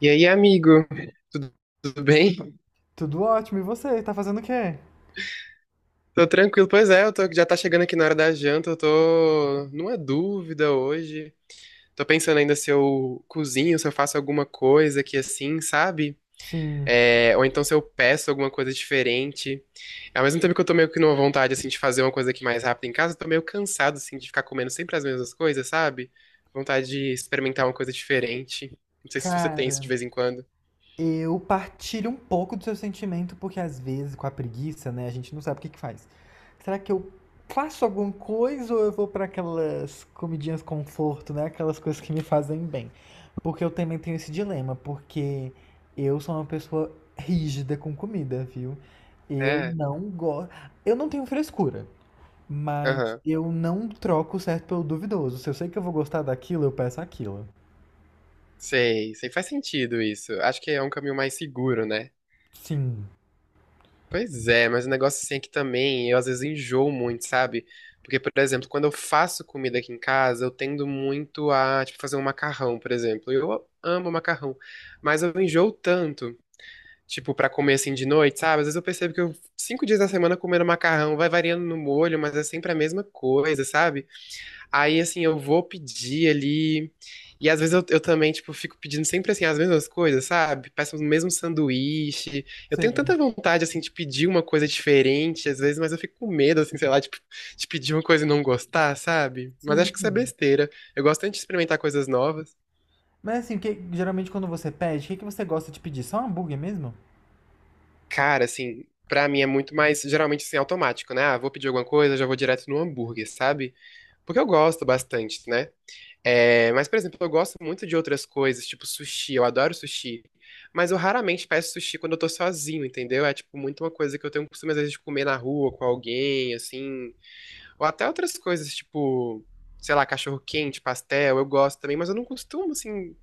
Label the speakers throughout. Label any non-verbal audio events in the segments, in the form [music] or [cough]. Speaker 1: E aí, amigo? Tudo, tudo bem?
Speaker 2: Tudo ótimo, e você? Tá fazendo o quê?
Speaker 1: Tô tranquilo. Pois é, já tá chegando aqui na hora da janta, eu tô numa dúvida hoje. Tô pensando ainda se eu cozinho, se eu faço alguma coisa aqui assim, sabe?
Speaker 2: Sim,
Speaker 1: É, ou então se eu peço alguma coisa diferente. Ao mesmo tempo que eu tô meio que numa vontade, assim, de fazer uma coisa aqui mais rápida em casa, eu tô meio cansado, assim, de ficar comendo sempre as mesmas coisas, sabe? Vontade de experimentar uma coisa diferente. Não sei se você tem isso de
Speaker 2: cara,
Speaker 1: vez em quando.
Speaker 2: eu partilho um pouco do seu sentimento, porque às vezes com a preguiça, né, a gente não sabe o que que faz. Será que eu faço alguma coisa ou eu vou pra aquelas comidinhas conforto, né, aquelas coisas que me fazem bem? Porque eu também tenho esse dilema, porque eu sou uma pessoa rígida com comida, viu? Eu
Speaker 1: É,
Speaker 2: não gosto. Eu não tenho frescura. Mas
Speaker 1: aham.
Speaker 2: eu não troco o certo pelo duvidoso. Se eu sei que eu vou gostar daquilo, eu peço aquilo.
Speaker 1: Sei, sei, faz sentido isso. Acho que é um caminho mais seguro, né?
Speaker 2: Sim.
Speaker 1: Pois é, mas o negócio assim é que também eu às vezes enjoo muito, sabe? Porque, por exemplo, quando eu faço comida aqui em casa, eu tendo muito a, tipo, fazer um macarrão, por exemplo. Eu amo macarrão, mas eu enjoo tanto, tipo, pra comer assim de noite, sabe? Às vezes eu percebo 5 dias da semana comendo macarrão, vai variando no molho, mas é sempre a mesma coisa, sabe? Aí, assim, eu vou pedir ali. E às vezes eu também, tipo, fico pedindo sempre, assim, as mesmas coisas, sabe? Peço o mesmo sanduíche. Eu tenho
Speaker 2: Sei.
Speaker 1: tanta vontade, assim, de pedir uma coisa diferente, às vezes, mas eu fico com medo, assim, sei lá, tipo, de pedir uma coisa e não gostar, sabe? Mas
Speaker 2: Sim,
Speaker 1: acho que isso é
Speaker 2: sim.
Speaker 1: besteira. Eu gosto tanto de experimentar coisas novas.
Speaker 2: Mas assim, o que, geralmente quando você pede, o que, que você gosta de pedir? Só um hambúrguer mesmo?
Speaker 1: Cara, assim, pra mim é muito mais, geralmente, assim, automático, né? Ah, vou pedir alguma coisa, já vou direto no hambúrguer, sabe? Porque eu gosto bastante, né? É, mas, por exemplo, eu gosto muito de outras coisas, tipo sushi, eu adoro sushi. Mas eu raramente peço sushi quando eu tô sozinho, entendeu? É, tipo, muito uma coisa que eu tenho o costume, às vezes, de comer na rua com alguém, assim. Ou até outras coisas, tipo, sei lá, cachorro-quente, pastel, eu gosto também, mas eu não costumo, assim,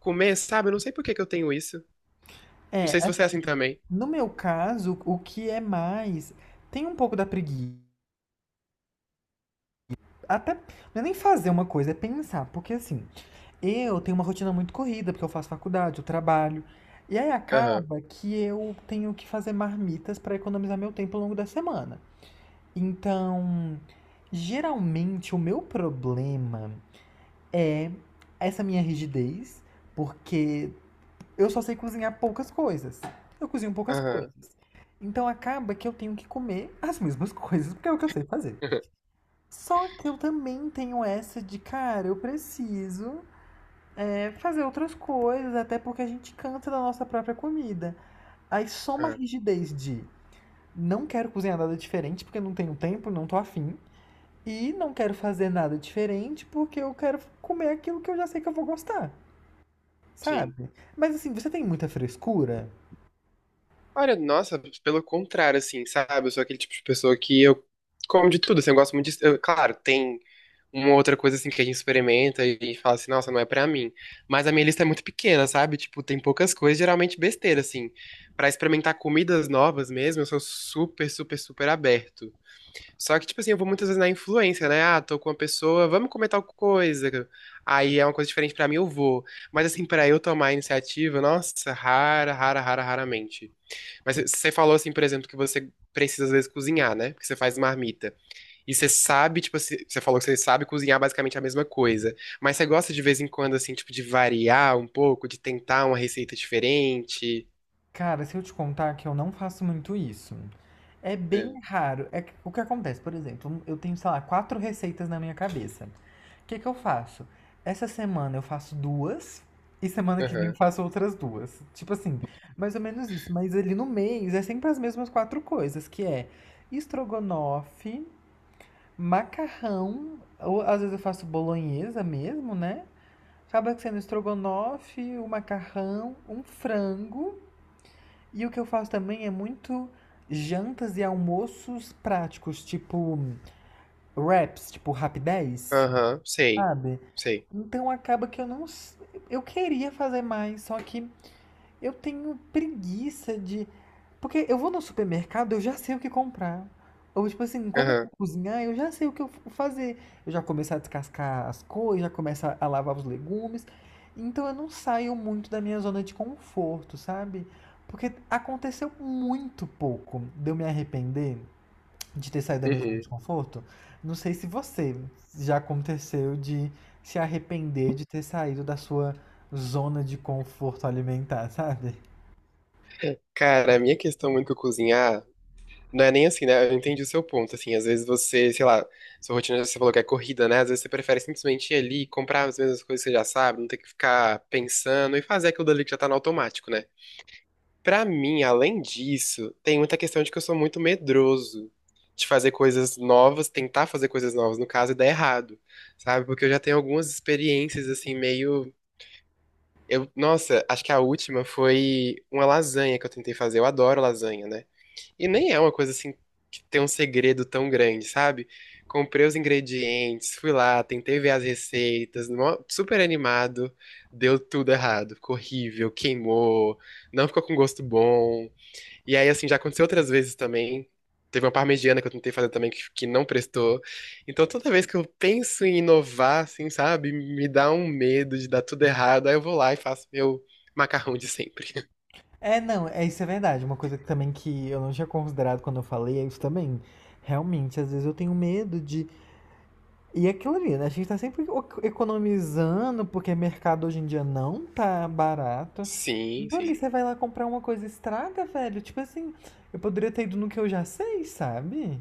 Speaker 1: comer, sabe? Eu não sei por que que eu tenho isso. Não
Speaker 2: É,
Speaker 1: sei se você é assim também.
Speaker 2: no meu caso, o que é mais. Tem um pouco da preguiça. Até. Não é nem fazer uma coisa, é pensar. Porque assim, eu tenho uma rotina muito corrida, porque eu faço faculdade, eu trabalho. E aí
Speaker 1: Aham,
Speaker 2: acaba que eu tenho que fazer marmitas para economizar meu tempo ao longo da semana. Então, geralmente o meu problema é essa minha rigidez, porque eu só sei cozinhar poucas coisas. Eu cozinho poucas
Speaker 1: aham,
Speaker 2: coisas. Então acaba que eu tenho que comer as mesmas coisas, porque é o que eu sei fazer.
Speaker 1: [laughs]
Speaker 2: Só que eu também tenho essa de, cara, eu preciso é, fazer outras coisas, até porque a gente cansa da nossa própria comida. Aí soma a
Speaker 1: aham,
Speaker 2: rigidez de não quero cozinhar nada diferente porque não tenho tempo, não tô afim. E não quero fazer nada diferente, porque eu quero comer aquilo que eu já sei que eu vou gostar,
Speaker 1: sim.
Speaker 2: sabe? Mas assim, você tem muita frescura?
Speaker 1: Olha, nossa, pelo contrário, assim, sabe? Eu sou aquele tipo de pessoa que eu como de tudo, assim, eu gosto muito de... claro, tem uma outra coisa assim que a gente experimenta e fala assim, nossa, não é pra mim. Mas a minha lista é muito pequena, sabe? Tipo, tem poucas coisas, geralmente besteira, assim. Pra experimentar comidas novas mesmo, eu sou super, super, super aberto. Só que, tipo assim, eu vou muitas vezes na influência, né? Ah, tô com uma pessoa, vamos comer tal coisa. Aí é uma coisa diferente pra mim, eu vou. Mas, assim, pra eu tomar a iniciativa, nossa, rara, rara, rara, raramente. Mas você falou, assim, por exemplo, que você precisa, às vezes, cozinhar, né? Porque você faz marmita. E você sabe, tipo, você falou que você sabe cozinhar basicamente a mesma coisa. Mas você gosta de vez em quando, assim, tipo, de variar um pouco, de tentar uma receita diferente?
Speaker 2: Cara, se eu te contar que eu não faço muito isso. É bem
Speaker 1: É.
Speaker 2: raro. O que acontece, por exemplo, eu tenho, sei lá, quatro receitas na minha cabeça. O que que eu faço? Essa semana eu faço duas e semana que vem eu
Speaker 1: Aham.
Speaker 2: faço outras duas. Tipo assim, mais ou menos isso. Mas ali no mês é sempre as mesmas quatro coisas, que é estrogonofe, macarrão, ou às vezes eu faço bolonhesa mesmo, né? Acaba sendo estrogonofe, o macarrão, um frango. E o que eu faço também é muito jantas e almoços práticos, tipo wraps, tipo rapidez,
Speaker 1: Aham. Sei.
Speaker 2: sabe?
Speaker 1: Sei.
Speaker 2: Então acaba que eu não. Eu queria fazer mais, só que eu tenho preguiça de. Porque eu vou no supermercado, eu já sei o que comprar. Ou, tipo assim, quando eu
Speaker 1: Aham.
Speaker 2: vou cozinhar, eu já sei o que eu vou fazer. Eu já começo a descascar as coisas, já começo a lavar os legumes. Então eu não saio muito da minha zona de conforto, sabe? Porque aconteceu muito pouco de eu me arrepender de ter saído da minha zona de
Speaker 1: Uhum.
Speaker 2: conforto. Não sei se você já aconteceu de se arrepender de ter saído da sua zona de conforto alimentar, sabe?
Speaker 1: Cara, a minha questão muito com cozinhar não é nem assim, né? Eu entendi o seu ponto, assim. Às vezes você, sei lá, sua rotina, você falou que é corrida, né? Às vezes você prefere simplesmente ir ali, comprar as mesmas coisas que você já sabe, não ter que ficar pensando e fazer aquilo dali que já tá no automático, né? Pra mim, além disso, tem muita questão de que eu sou muito medroso de fazer coisas novas, tentar fazer coisas novas, no caso, e dar errado, sabe? Porque eu já tenho algumas experiências, assim, meio. Eu, nossa, acho que a última foi uma lasanha que eu tentei fazer. Eu adoro lasanha, né? E nem é uma coisa assim que tem um segredo tão grande, sabe? Comprei os ingredientes, fui lá, tentei ver as receitas, super animado, deu tudo errado, ficou horrível, queimou, não ficou com gosto bom. E aí, assim, já aconteceu outras vezes também. Teve uma parmegiana que eu tentei fazer também que não prestou. Então, toda vez que eu penso em inovar, assim, sabe, me dá um medo de dar tudo errado. Aí eu vou lá e faço meu macarrão de sempre. [laughs]
Speaker 2: É, não, é isso é verdade. Uma coisa que também que eu não tinha considerado quando eu falei é isso também. Realmente, às vezes eu tenho medo de. E é aquilo ali, né? A gente tá sempre economizando, porque mercado hoje em dia não tá barato.
Speaker 1: Sim,
Speaker 2: Então ali
Speaker 1: sim.
Speaker 2: você vai lá comprar uma coisa e estraga, velho. Tipo assim, eu poderia ter ido no que eu já sei, sabe?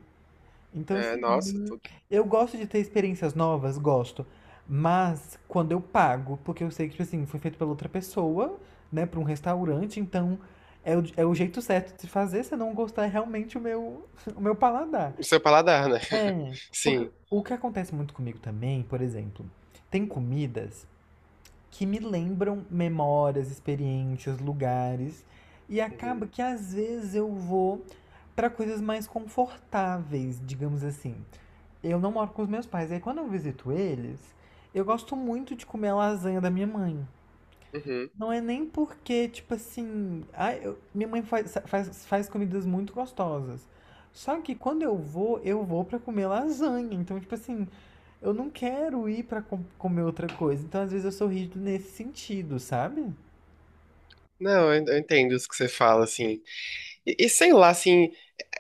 Speaker 2: Então,
Speaker 1: É,
Speaker 2: assim, não eu gosto de ter experiências novas, gosto. Mas quando eu pago, porque eu sei que, tipo assim, foi feito pela outra pessoa, né, pra um restaurante, então é o jeito certo de se fazer se eu não gostar é realmente o meu, [laughs] o meu paladar.
Speaker 1: o seu paladar, né? [laughs]
Speaker 2: É.
Speaker 1: Sim.
Speaker 2: O que acontece muito comigo também, por exemplo, tem comidas que me lembram memórias, experiências, lugares. E
Speaker 1: Uhum,
Speaker 2: acaba que às vezes eu vou para coisas mais confortáveis, digamos assim. Eu não moro com os meus pais, aí quando eu visito eles, eu gosto muito de comer a lasanha da minha mãe.
Speaker 1: uhum.
Speaker 2: Não é nem porque, tipo assim, ah, minha mãe faz comidas muito gostosas. Só que quando eu vou pra comer lasanha. Então, tipo assim, eu não quero ir pra comer outra coisa. Então, às vezes eu sou rígido nesse sentido, sabe?
Speaker 1: Não, eu entendo isso que você fala, assim. E sei lá, assim,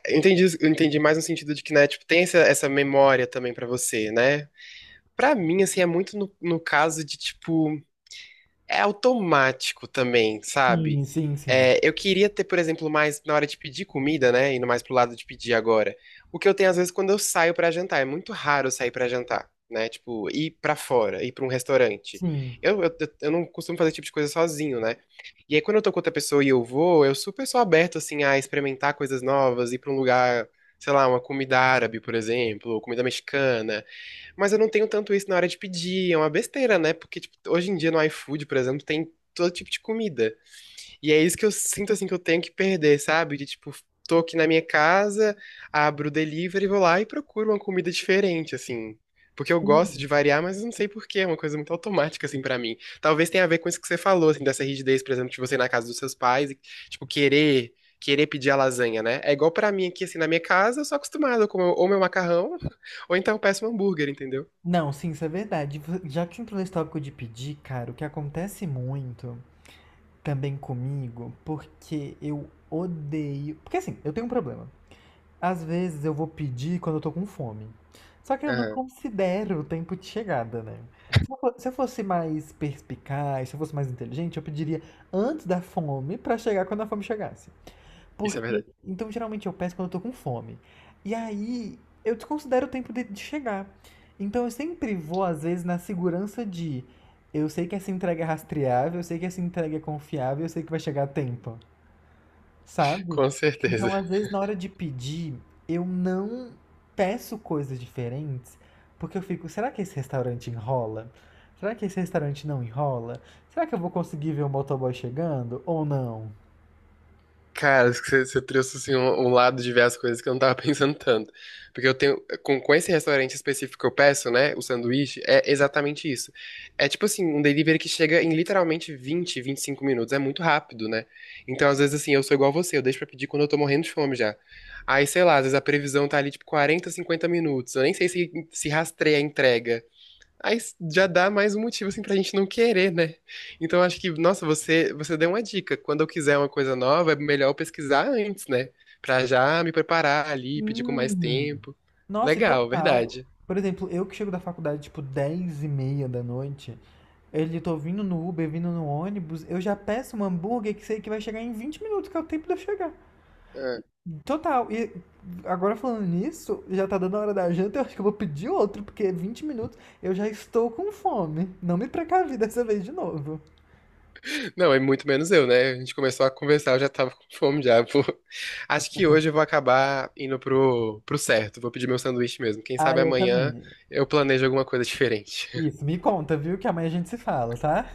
Speaker 1: eu entendi mais no sentido de que, né, tipo, tem essa memória também pra você, né? Pra mim, assim, é muito no caso de, tipo. É automático também, sabe?
Speaker 2: Sim, sim, sim.
Speaker 1: É, eu queria ter, por exemplo, mais na hora de pedir comida, né? Indo mais pro lado de pedir agora. O que eu tenho às vezes quando eu saio pra jantar. É muito raro eu sair pra jantar, né? Tipo, ir pra fora, ir pra um restaurante.
Speaker 2: Sim,
Speaker 1: Eu, eu, eu não costumo fazer esse tipo de coisa sozinho, né? E aí quando eu tô com outra pessoa e eu vou, eu super sou aberto, assim, a experimentar coisas novas, ir pra um lugar, sei lá, uma comida árabe, por exemplo, ou comida mexicana. Mas eu não tenho tanto isso na hora de pedir, é uma besteira, né? Porque, tipo, hoje em dia no iFood, por exemplo, tem todo tipo de comida. E é isso que eu sinto, assim, que eu tenho que perder, sabe? De, tipo, tô aqui na minha casa, abro o delivery, vou lá e procuro uma comida diferente, assim. Porque eu gosto
Speaker 2: sim.
Speaker 1: de variar, mas eu não sei por quê, é uma coisa muito automática, assim, pra mim. Talvez tenha a ver com isso que você falou, assim, dessa rigidez, por exemplo, de você ir na casa dos seus pais e, tipo, querer... Querer pedir a lasanha, né? É igual pra mim aqui, assim, na minha casa, eu sou acostumado a comer ou meu macarrão, [laughs] ou então eu peço um hambúrguer, entendeu?
Speaker 2: Não, sim, isso é verdade. Já que entrou nesse tópico de pedir, cara, o que acontece muito também comigo, porque eu odeio. Porque assim, eu tenho um problema. Às vezes eu vou pedir quando eu tô com fome. Só que eu não
Speaker 1: Aham,
Speaker 2: considero o tempo de chegada, né? Se eu fosse mais perspicaz, se eu fosse mais inteligente, eu pediria antes da fome pra chegar quando a fome chegasse.
Speaker 1: isso é
Speaker 2: Porque,
Speaker 1: verdade.
Speaker 2: então geralmente eu peço quando eu tô com fome. E aí eu desconsidero o tempo de chegar. Então eu sempre vou, às vezes, na segurança de eu sei que essa entrega é rastreável, eu sei que essa entrega é confiável, eu sei que vai chegar a tempo. Sabe?
Speaker 1: Com certeza.
Speaker 2: Então, às vezes,
Speaker 1: [laughs]
Speaker 2: na hora de pedir, eu não peço coisas diferentes, porque eu fico, será que esse restaurante enrola? Será que esse restaurante não enrola? Será que eu vou conseguir ver o motoboy chegando ou não?
Speaker 1: Cara, acho que você trouxe assim, um lado de ver as coisas que eu não tava [laughs] pensando tanto. Porque eu tenho. Com esse restaurante específico que eu peço, né? O sanduíche, é exatamente isso. É tipo assim, um delivery que chega em literalmente 20, 25 minutos. É muito rápido, né? Então, às vezes, assim, eu sou igual você, eu deixo pra pedir quando eu tô morrendo de fome já. Aí, sei lá, às vezes a previsão tá ali, tipo, 40, 50 minutos. Eu nem sei se rastreia a entrega. Aí já dá mais um motivo assim pra gente não querer, né? Então acho que, nossa, você deu uma dica. Quando eu quiser uma coisa nova, é melhor eu pesquisar antes, né? Pra já me preparar ali, pedir com mais
Speaker 2: Sim.
Speaker 1: tempo.
Speaker 2: Nossa, e
Speaker 1: Legal,
Speaker 2: total.
Speaker 1: verdade.
Speaker 2: Por exemplo, eu que chego da faculdade, tipo, 10h30 da noite, ele tô vindo no Uber, vindo no ônibus, eu já peço um hambúrguer que sei que vai chegar em 20 minutos, que é o tempo de eu chegar.
Speaker 1: É.
Speaker 2: Total. E agora falando nisso, já tá dando a hora da janta, eu acho que eu vou pedir outro, porque é 20 minutos eu já estou com fome. Não me precavi dessa vez de novo.
Speaker 1: Não, é muito menos eu, né? A gente começou a conversar, eu já tava com fome já. Acho que hoje eu vou acabar indo pro certo. Vou pedir meu sanduíche mesmo. Quem
Speaker 2: Ah,
Speaker 1: sabe
Speaker 2: eu
Speaker 1: amanhã
Speaker 2: também.
Speaker 1: eu planejo alguma coisa diferente. [laughs]
Speaker 2: Isso, me conta, viu? Que amanhã a gente se fala, tá?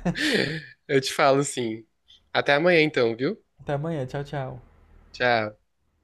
Speaker 1: Eu te falo sim. Até amanhã então, viu?
Speaker 2: Até amanhã, tchau, tchau.
Speaker 1: Tchau.